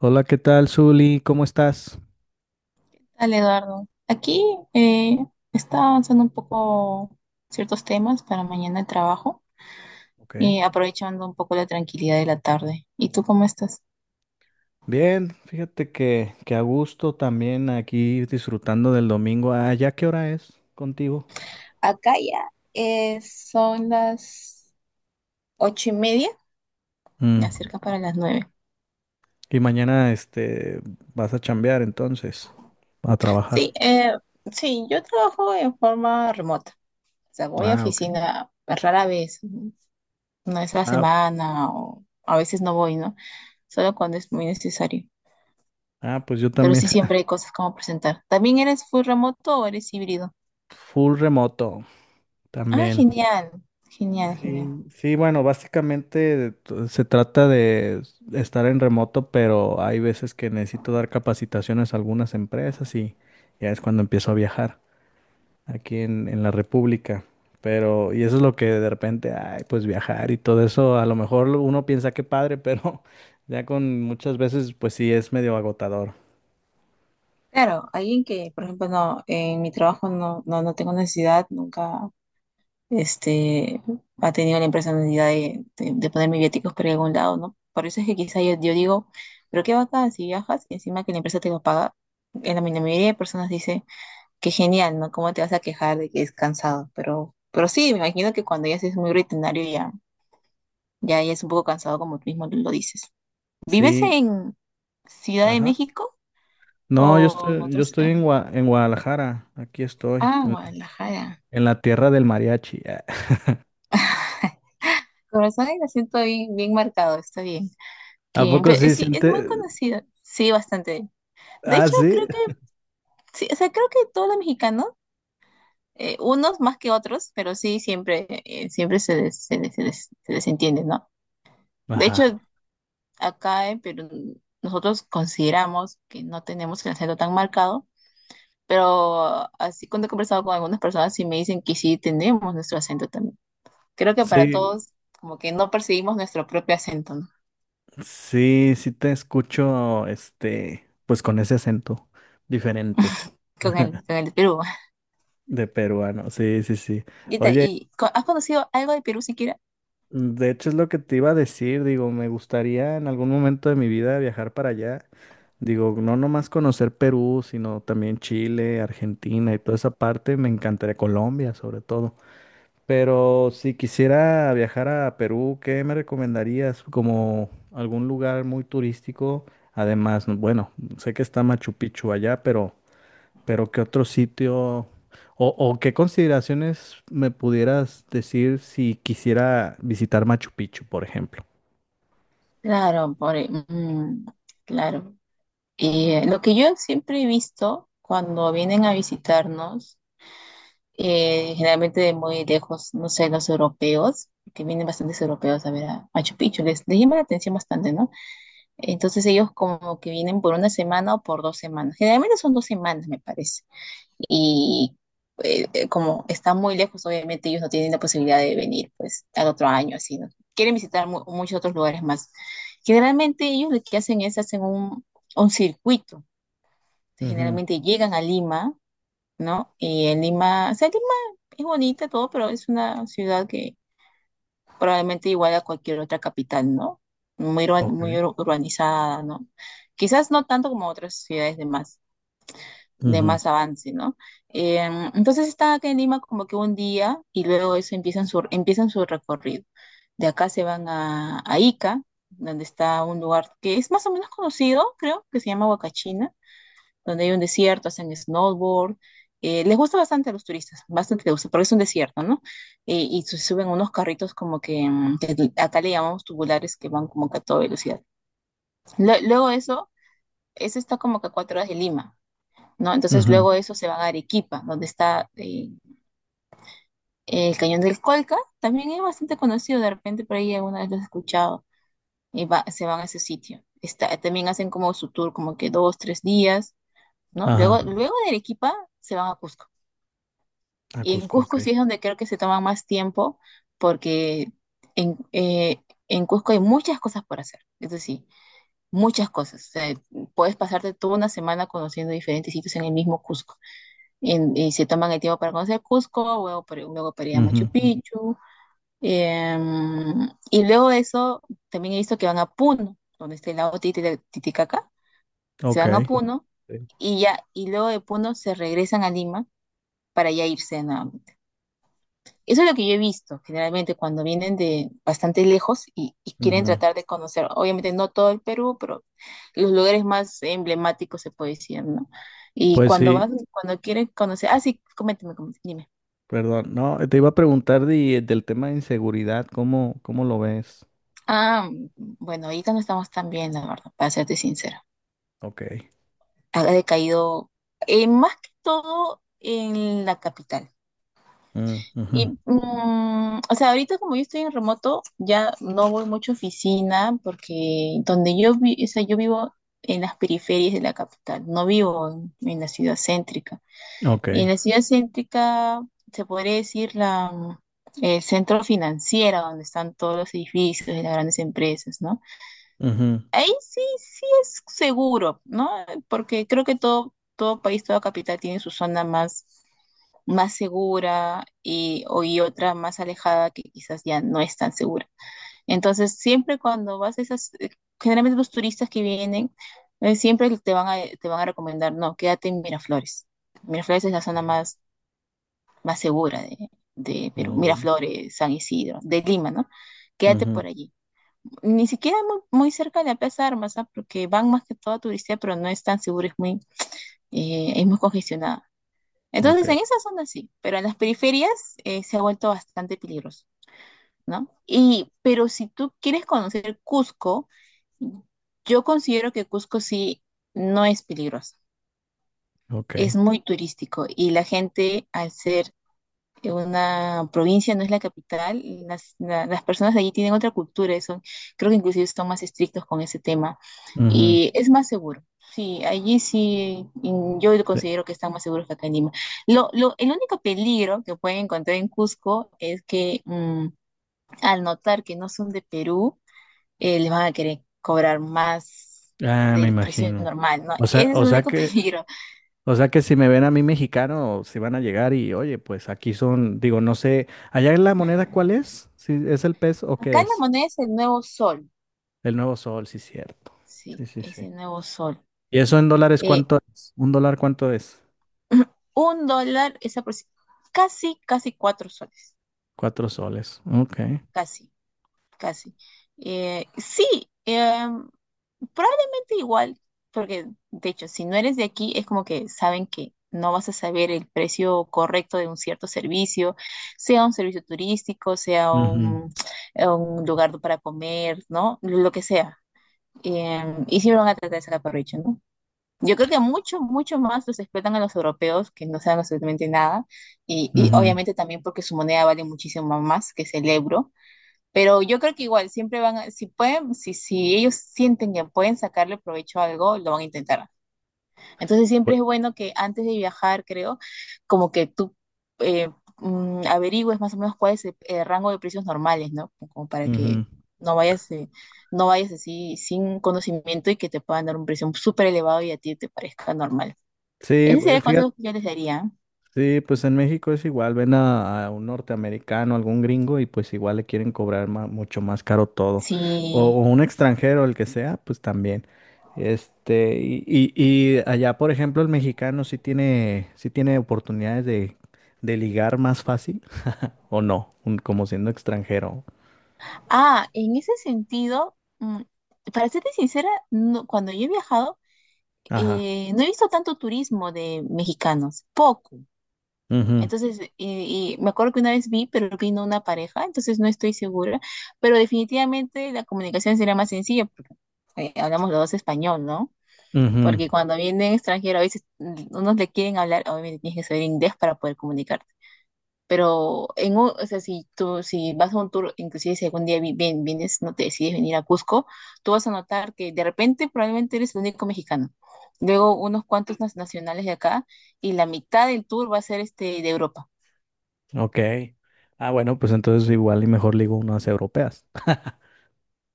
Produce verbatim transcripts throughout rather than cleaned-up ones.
Hola, ¿qué tal, Zuli? ¿Cómo estás? Dale, Eduardo. Aquí eh, está avanzando un poco ciertos temas para mañana el trabajo Ok. y aprovechando un poco la tranquilidad de la tarde. ¿Y tú cómo estás? Bien, fíjate que, que a gusto también aquí disfrutando del domingo. Ah, ¿ya qué hora es contigo? Acá ya eh, son las ocho y media. Mm. Ya cerca para las nueve. Y mañana este vas a chambear entonces, a trabajar. Sí, eh, sí, yo trabajo en forma remota. O sea, voy a Ah, ok. oficina rara vez, una vez a la Ah, semana o a veces no voy, ¿no? Solo cuando es muy necesario. ah, pues yo Pero también. sí, siempre hay cosas como presentar. ¿También eres full remoto o eres híbrido? Full remoto Ah, también. genial, genial, genial. Sí, sí, bueno, básicamente t- se trata de s- estar en remoto, pero hay veces que necesito dar capacitaciones a algunas empresas y ya es cuando empiezo a viajar aquí en, en la República. Pero, y eso es lo que de repente, ay, pues viajar y todo eso, a lo mejor lo- uno piensa que padre, pero ya con muchas veces, pues sí, es medio agotador. Claro, alguien que, por ejemplo, no, en mi trabajo no, no, no tengo necesidad, nunca, este, ha tenido la empresa necesidad de, de, de ponerme viáticos por algún lado, ¿no? Por eso es que quizá yo, yo digo, pero qué bacán si viajas y encima que la empresa te lo paga. En la, mi- la mayoría de personas dice, qué genial, ¿no? ¿Cómo te vas a quejar de que es cansado? Pero, pero sí, me imagino que cuando ya es muy rutinario ya. Ya, ya es un poco cansado, como tú mismo lo dices. ¿Vives Sí, en Ciudad de ajá. México No, yo o en estoy, yo otros? estoy eh? en Gua- en Guadalajara, aquí estoy, Ah, en la, Guadalajara. en la tierra del mariachi. Con razón el acento bien, bien marcado, está bien. ¿A Qué bien, poco pero sí sí, es siente? muy conocido. Sí, bastante. De Ah, hecho, sí. creo que, sí, o sea, creo que todos los mexicanos, eh, unos más que otros, pero sí, siempre, eh, siempre se les, se les- se les- se les ¿no? De Ajá. hecho, acá en Perú, nosotros consideramos que no tenemos el acento tan marcado. Pero así, cuando he conversado con algunas personas, sí me dicen que sí tenemos nuestro acento también. Creo que para Sí, todos como que no percibimos nuestro propio acento, ¿no? sí, sí te escucho, este, pues con ese acento diferente Con el, con el de Perú. de peruano. Sí, sí, sí. ¿Y, te- Oye, y co- has conocido algo de Perú siquiera? de hecho es lo que te iba a decir. Digo, me gustaría en algún momento de mi vida viajar para allá. Digo, no nomás conocer Perú, sino también Chile, Argentina y toda esa parte. Me encantaría Colombia, sobre todo. Pero si quisiera viajar a Perú, ¿qué me recomendarías como algún lugar muy turístico? Además, no- bueno, sé que está Machu Picchu allá, pero, pero ¿qué otro sitio o, o qué consideraciones me pudieras decir si quisiera visitar Machu Picchu, por ejemplo? Claro, por, mm, claro. Y eh, lo que yo siempre he visto cuando vienen a visitarnos, eh, generalmente de muy lejos, no sé, los europeos, que vienen bastantes europeos a ver a Machu Picchu, les, les llama la atención bastante, ¿no? Entonces ellos como que vienen por una semana o por dos semanas. Generalmente son dos semanas, me parece. Y eh, eh, Como están muy lejos, obviamente ellos no tienen la posibilidad de venir pues al otro año, así, ¿no? Quieren visitar mu- muchos otros lugares más. Generalmente ellos lo que hacen es hacen un, un circuito. Entonces, Ujú. generalmente llegan a Lima, ¿no? Y en Lima, o sea, Lima es bonita todo, pero es una ciudad que probablemente igual a cualquier otra capital, ¿no? Muy, urba- Ok. muy ur- urbanizada, ¿no? Quizás no tanto como otras ciudades de más, de Ujú, más avance, ¿no? Em, entonces están acá en Lima como que un día y luego eso empiezan su, empiezan su recorrido. De acá se van a, a Ica, donde está un lugar que es más o menos conocido, creo, que se llama Huacachina, donde hay un desierto, hacen snowboard. Eh, les gusta bastante a los turistas, bastante les gusta, porque es un desierto, ¿no? Eh, y se suben unos carritos como que, mm, que acá le llamamos tubulares, que van como que a toda velocidad. Lue- luego eso, eso está como que a cuatro horas de Lima, ¿no? Entonces ujú. luego eso se van a Arequipa, donde está eh, el Cañón del Colca, también es bastante conocido, de repente por ahí alguna vez lo he escuchado, y va- se van a ese sitio. Está, también hacen como su tour como que dos, tres días, ¿no? Luego, Ajá. luego de Arequipa se van a Cusco. A Y en Cusco, ok. Cusco sí es donde creo que se toma más tiempo porque en, eh, en Cusco hay muchas cosas por hacer, eso sí, muchas cosas. O sea, puedes pasarte toda una semana conociendo diferentes sitios en el mismo Cusco. En- y se toman el tiempo para conocer Cusco, luego para, luego para ir a Ujú. Machu Picchu. em, y luego de eso, también he visto que van a Puno, donde está el lago Titi- Titicaca. Se Ok. van a Puno Sí. y ya, y luego de Puno se regresan a Lima para ya irse, ¿no? Eso es lo que yo he visto generalmente cuando vienen de bastante lejos y, y quieren Ujú. tratar de conocer, obviamente no todo el Perú, pero los lugares más emblemáticos, se puede decir, ¿no? Y Pues cuando vas, sí. cuando quieren conocer, ah, sí, coméntame, coméntame, dime. Perdón, no, te iba a preguntar de- del tema de inseguridad, ¿cómo, cómo lo ves? Ah, bueno, ahorita no estamos tan bien, la verdad, para serte sincera. Ok. Ha decaído, eh, más que todo en la capital. Mm, ujú. Y, mm, o sea, ahorita como yo estoy en remoto, ya no voy mucho a oficina porque donde yo vi, o sea, yo vivo en las periferias de la capital, no vivo en, en la ciudad céntrica. Ok. Y en la ciudad céntrica se podría decir la, mm, el centro financiero, donde están todos los edificios de las grandes empresas, ¿no? Ujú, Ahí sí, sí es seguro, ¿no? Porque creo que todo, todo país, toda capital tiene su zona más más segura y, o, y otra más alejada, que quizás ya no es tan segura. Entonces, siempre cuando vas a esas, eh, generalmente los turistas que vienen, eh, siempre te van a, te van a, recomendar, no, quédate en Miraflores. Miraflores es la zona ok, más, más segura de, de Perú, mm, bueno, Miraflores, San Isidro, de Lima, ¿no? Quédate ujú. por allí. Ni siquiera muy, muy cerca de la Plaza de Armas, ¿ah? Porque van más que todo a turistear, pero no es tan seguro, es muy, eh, es muy congestionada. Ok. Entonces, en esas zonas sí, pero en las periferias eh, se ha vuelto bastante peligroso, ¿no? Y, pero si tú quieres conocer Cusco, yo considero que Cusco sí no es peligroso, Ok. es muy turístico, y la gente al ser que una provincia no es la capital, y las, la- las personas de allí tienen otra cultura, y son, creo que inclusive son más estrictos con ese tema, Ujú, y es más seguro. Sí, allí sí, mm, yo sí. considero que están más seguros que acá en Lima. Lo, lo, el único peligro que pueden encontrar en Cusco es que mm, al notar que no son de Perú, eh, les van a querer cobrar más Ah, me del precio imagino. normal, ¿no? O sea, Ese es o el sea único que, peligro. o sea que si me ven a mí mexicano, si van a llegar y, oye, pues aquí son, digo, no sé, allá en la moneda, ¿cuál es? ¿Si es el peso o Acá qué la es? moneda es el nuevo sol, El nuevo sol, sí, cierto. sí, Sí, sí, es sí. el nuevo sol. ¿Y eso en dólares Eh, cuánto es? ¿Un dólar cuánto es? Un dólar es aproxi- casi, casi cuatro soles. Cuatro soles. Ok. Casi, casi. Eh, sí, em, probablemente igual, porque de hecho, si no eres de aquí, es como que saben que no vas a saber el precio correcto de un cierto servicio, sea un servicio turístico, sea Ujú, un, un lugar para comer, ¿no? Lo que sea. Em, y sí, me van a tratar de sacar provecho, ¿no? Yo creo que mucho, mucho más los explotan a los europeos, que no saben absolutamente nada, y, y ujú, obviamente también porque su moneda vale muchísimo más, que es el euro, pero yo creo que igual siempre van a, si pueden, si, si ellos sienten que pueden sacarle provecho a algo, lo van a intentar. Entonces siempre pues, es bueno que antes de viajar, creo, como que tú eh, mm, averigües más o menos cuál es el, el rango de precios normales, ¿no? Como para ujú. que no vayas, eh, no vayas así sin conocimiento, y que te puedan dar un precio súper elevado y a ti te parezca normal. Sí, Ese sería pues, el fíjate, consejo que yo les daría. sí, pues en México es igual, ven a, a, un norteamericano, algún gringo y pues igual le quieren cobrar ma- mucho más caro todo. O, Sí. o un extranjero, el que sea, pues también. Este, y, y- y allá, por ejemplo, el mexicano sí tiene, sí tiene oportunidades de, de ligar más fácil, o no, Un- como siendo extranjero. Ah, en ese sentido, mm, para serte sincera, no- cuando yo he viajado, Ajá. eh, no he visto tanto turismo de mexicanos, poco. Ujú, Entonces, y, y me acuerdo que una vez vi, pero vino una pareja, entonces no estoy segura, pero definitivamente la comunicación sería más sencilla, porque eh, hablamos los dos español, ¿no? ujú. Porque cuando vienen extranjeros, a veces mm, unos le quieren hablar, obviamente tienes que saber inglés para poder comunicarte. Pero en un- o sea, si tú, si vas a un tour, inclusive si algún día vi- vien- vienes, no te decides venir a Cusco, tú vas a notar que de repente probablemente eres el único mexicano. Luego unos cuantos nas- nacionales de acá, y la mitad del tour va a ser este de Europa. Ok. Ah, bueno, pues entonces igual y mejor ligo unas europeas.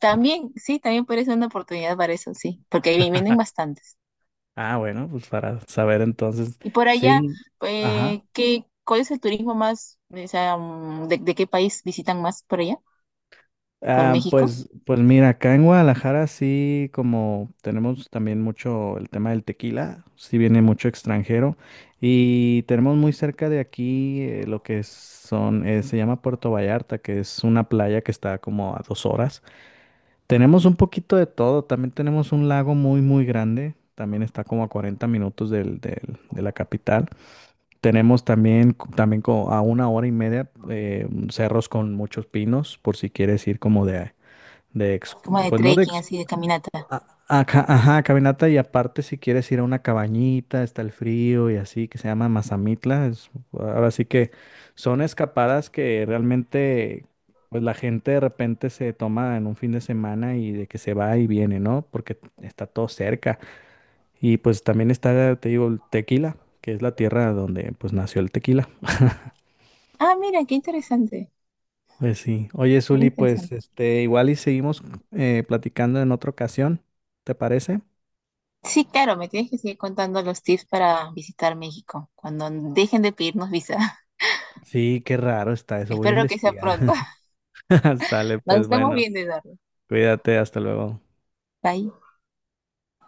También, sí, también puede ser una oportunidad para eso, sí, porque ahí vienen bastantes. Ah, bueno, pues para saber entonces, Y por allá, sí, ajá. eh, ¿qué, cuál es el turismo más, o sea, mm, de, de qué país visitan más por allá? ¿Por Ah, México? pues, pues mira, acá en Guadalajara sí, como tenemos también mucho el tema del tequila, sí viene mucho extranjero y tenemos muy cerca de aquí eh, lo que es- son, eh, se llama Puerto Vallarta, que es una playa que está como a dos horas. Tenemos un poquito de todo, también tenemos un lago muy muy grande, también está como a cuarenta minutos del- del- de la capital. Tenemos también, co- también co- a una hora y media eh, cerros con muchos pinos, por si quieres ir como de, de ex- Como de Pues no de trekking, así, de caminata. a- Ajá, ajá, caminata y aparte si quieres ir a una cabañita, está el frío y así, que se llama Mazamitla, es- ahora sí que son escapadas que realmente pues la gente de repente se toma en un fin de semana y de que se va y viene, ¿no? Porque está todo cerca. Y pues también está, te digo, el Tequila, que es la tierra donde pues nació el tequila. Ah, mira, qué interesante, Pues sí. Oye, muy Zuli, pues interesante. este, igual y seguimos eh, platicando en otra ocasión, ¿te parece? Sí, claro, me tienes que seguir contando los tips para visitar México, cuando dejen de pedirnos visa. Sí, qué raro está eso, voy a Espero que sea pronto. investigar. Sale, Nos pues estamos bueno, viendo, Eduardo. cuídate, hasta luego. Bye.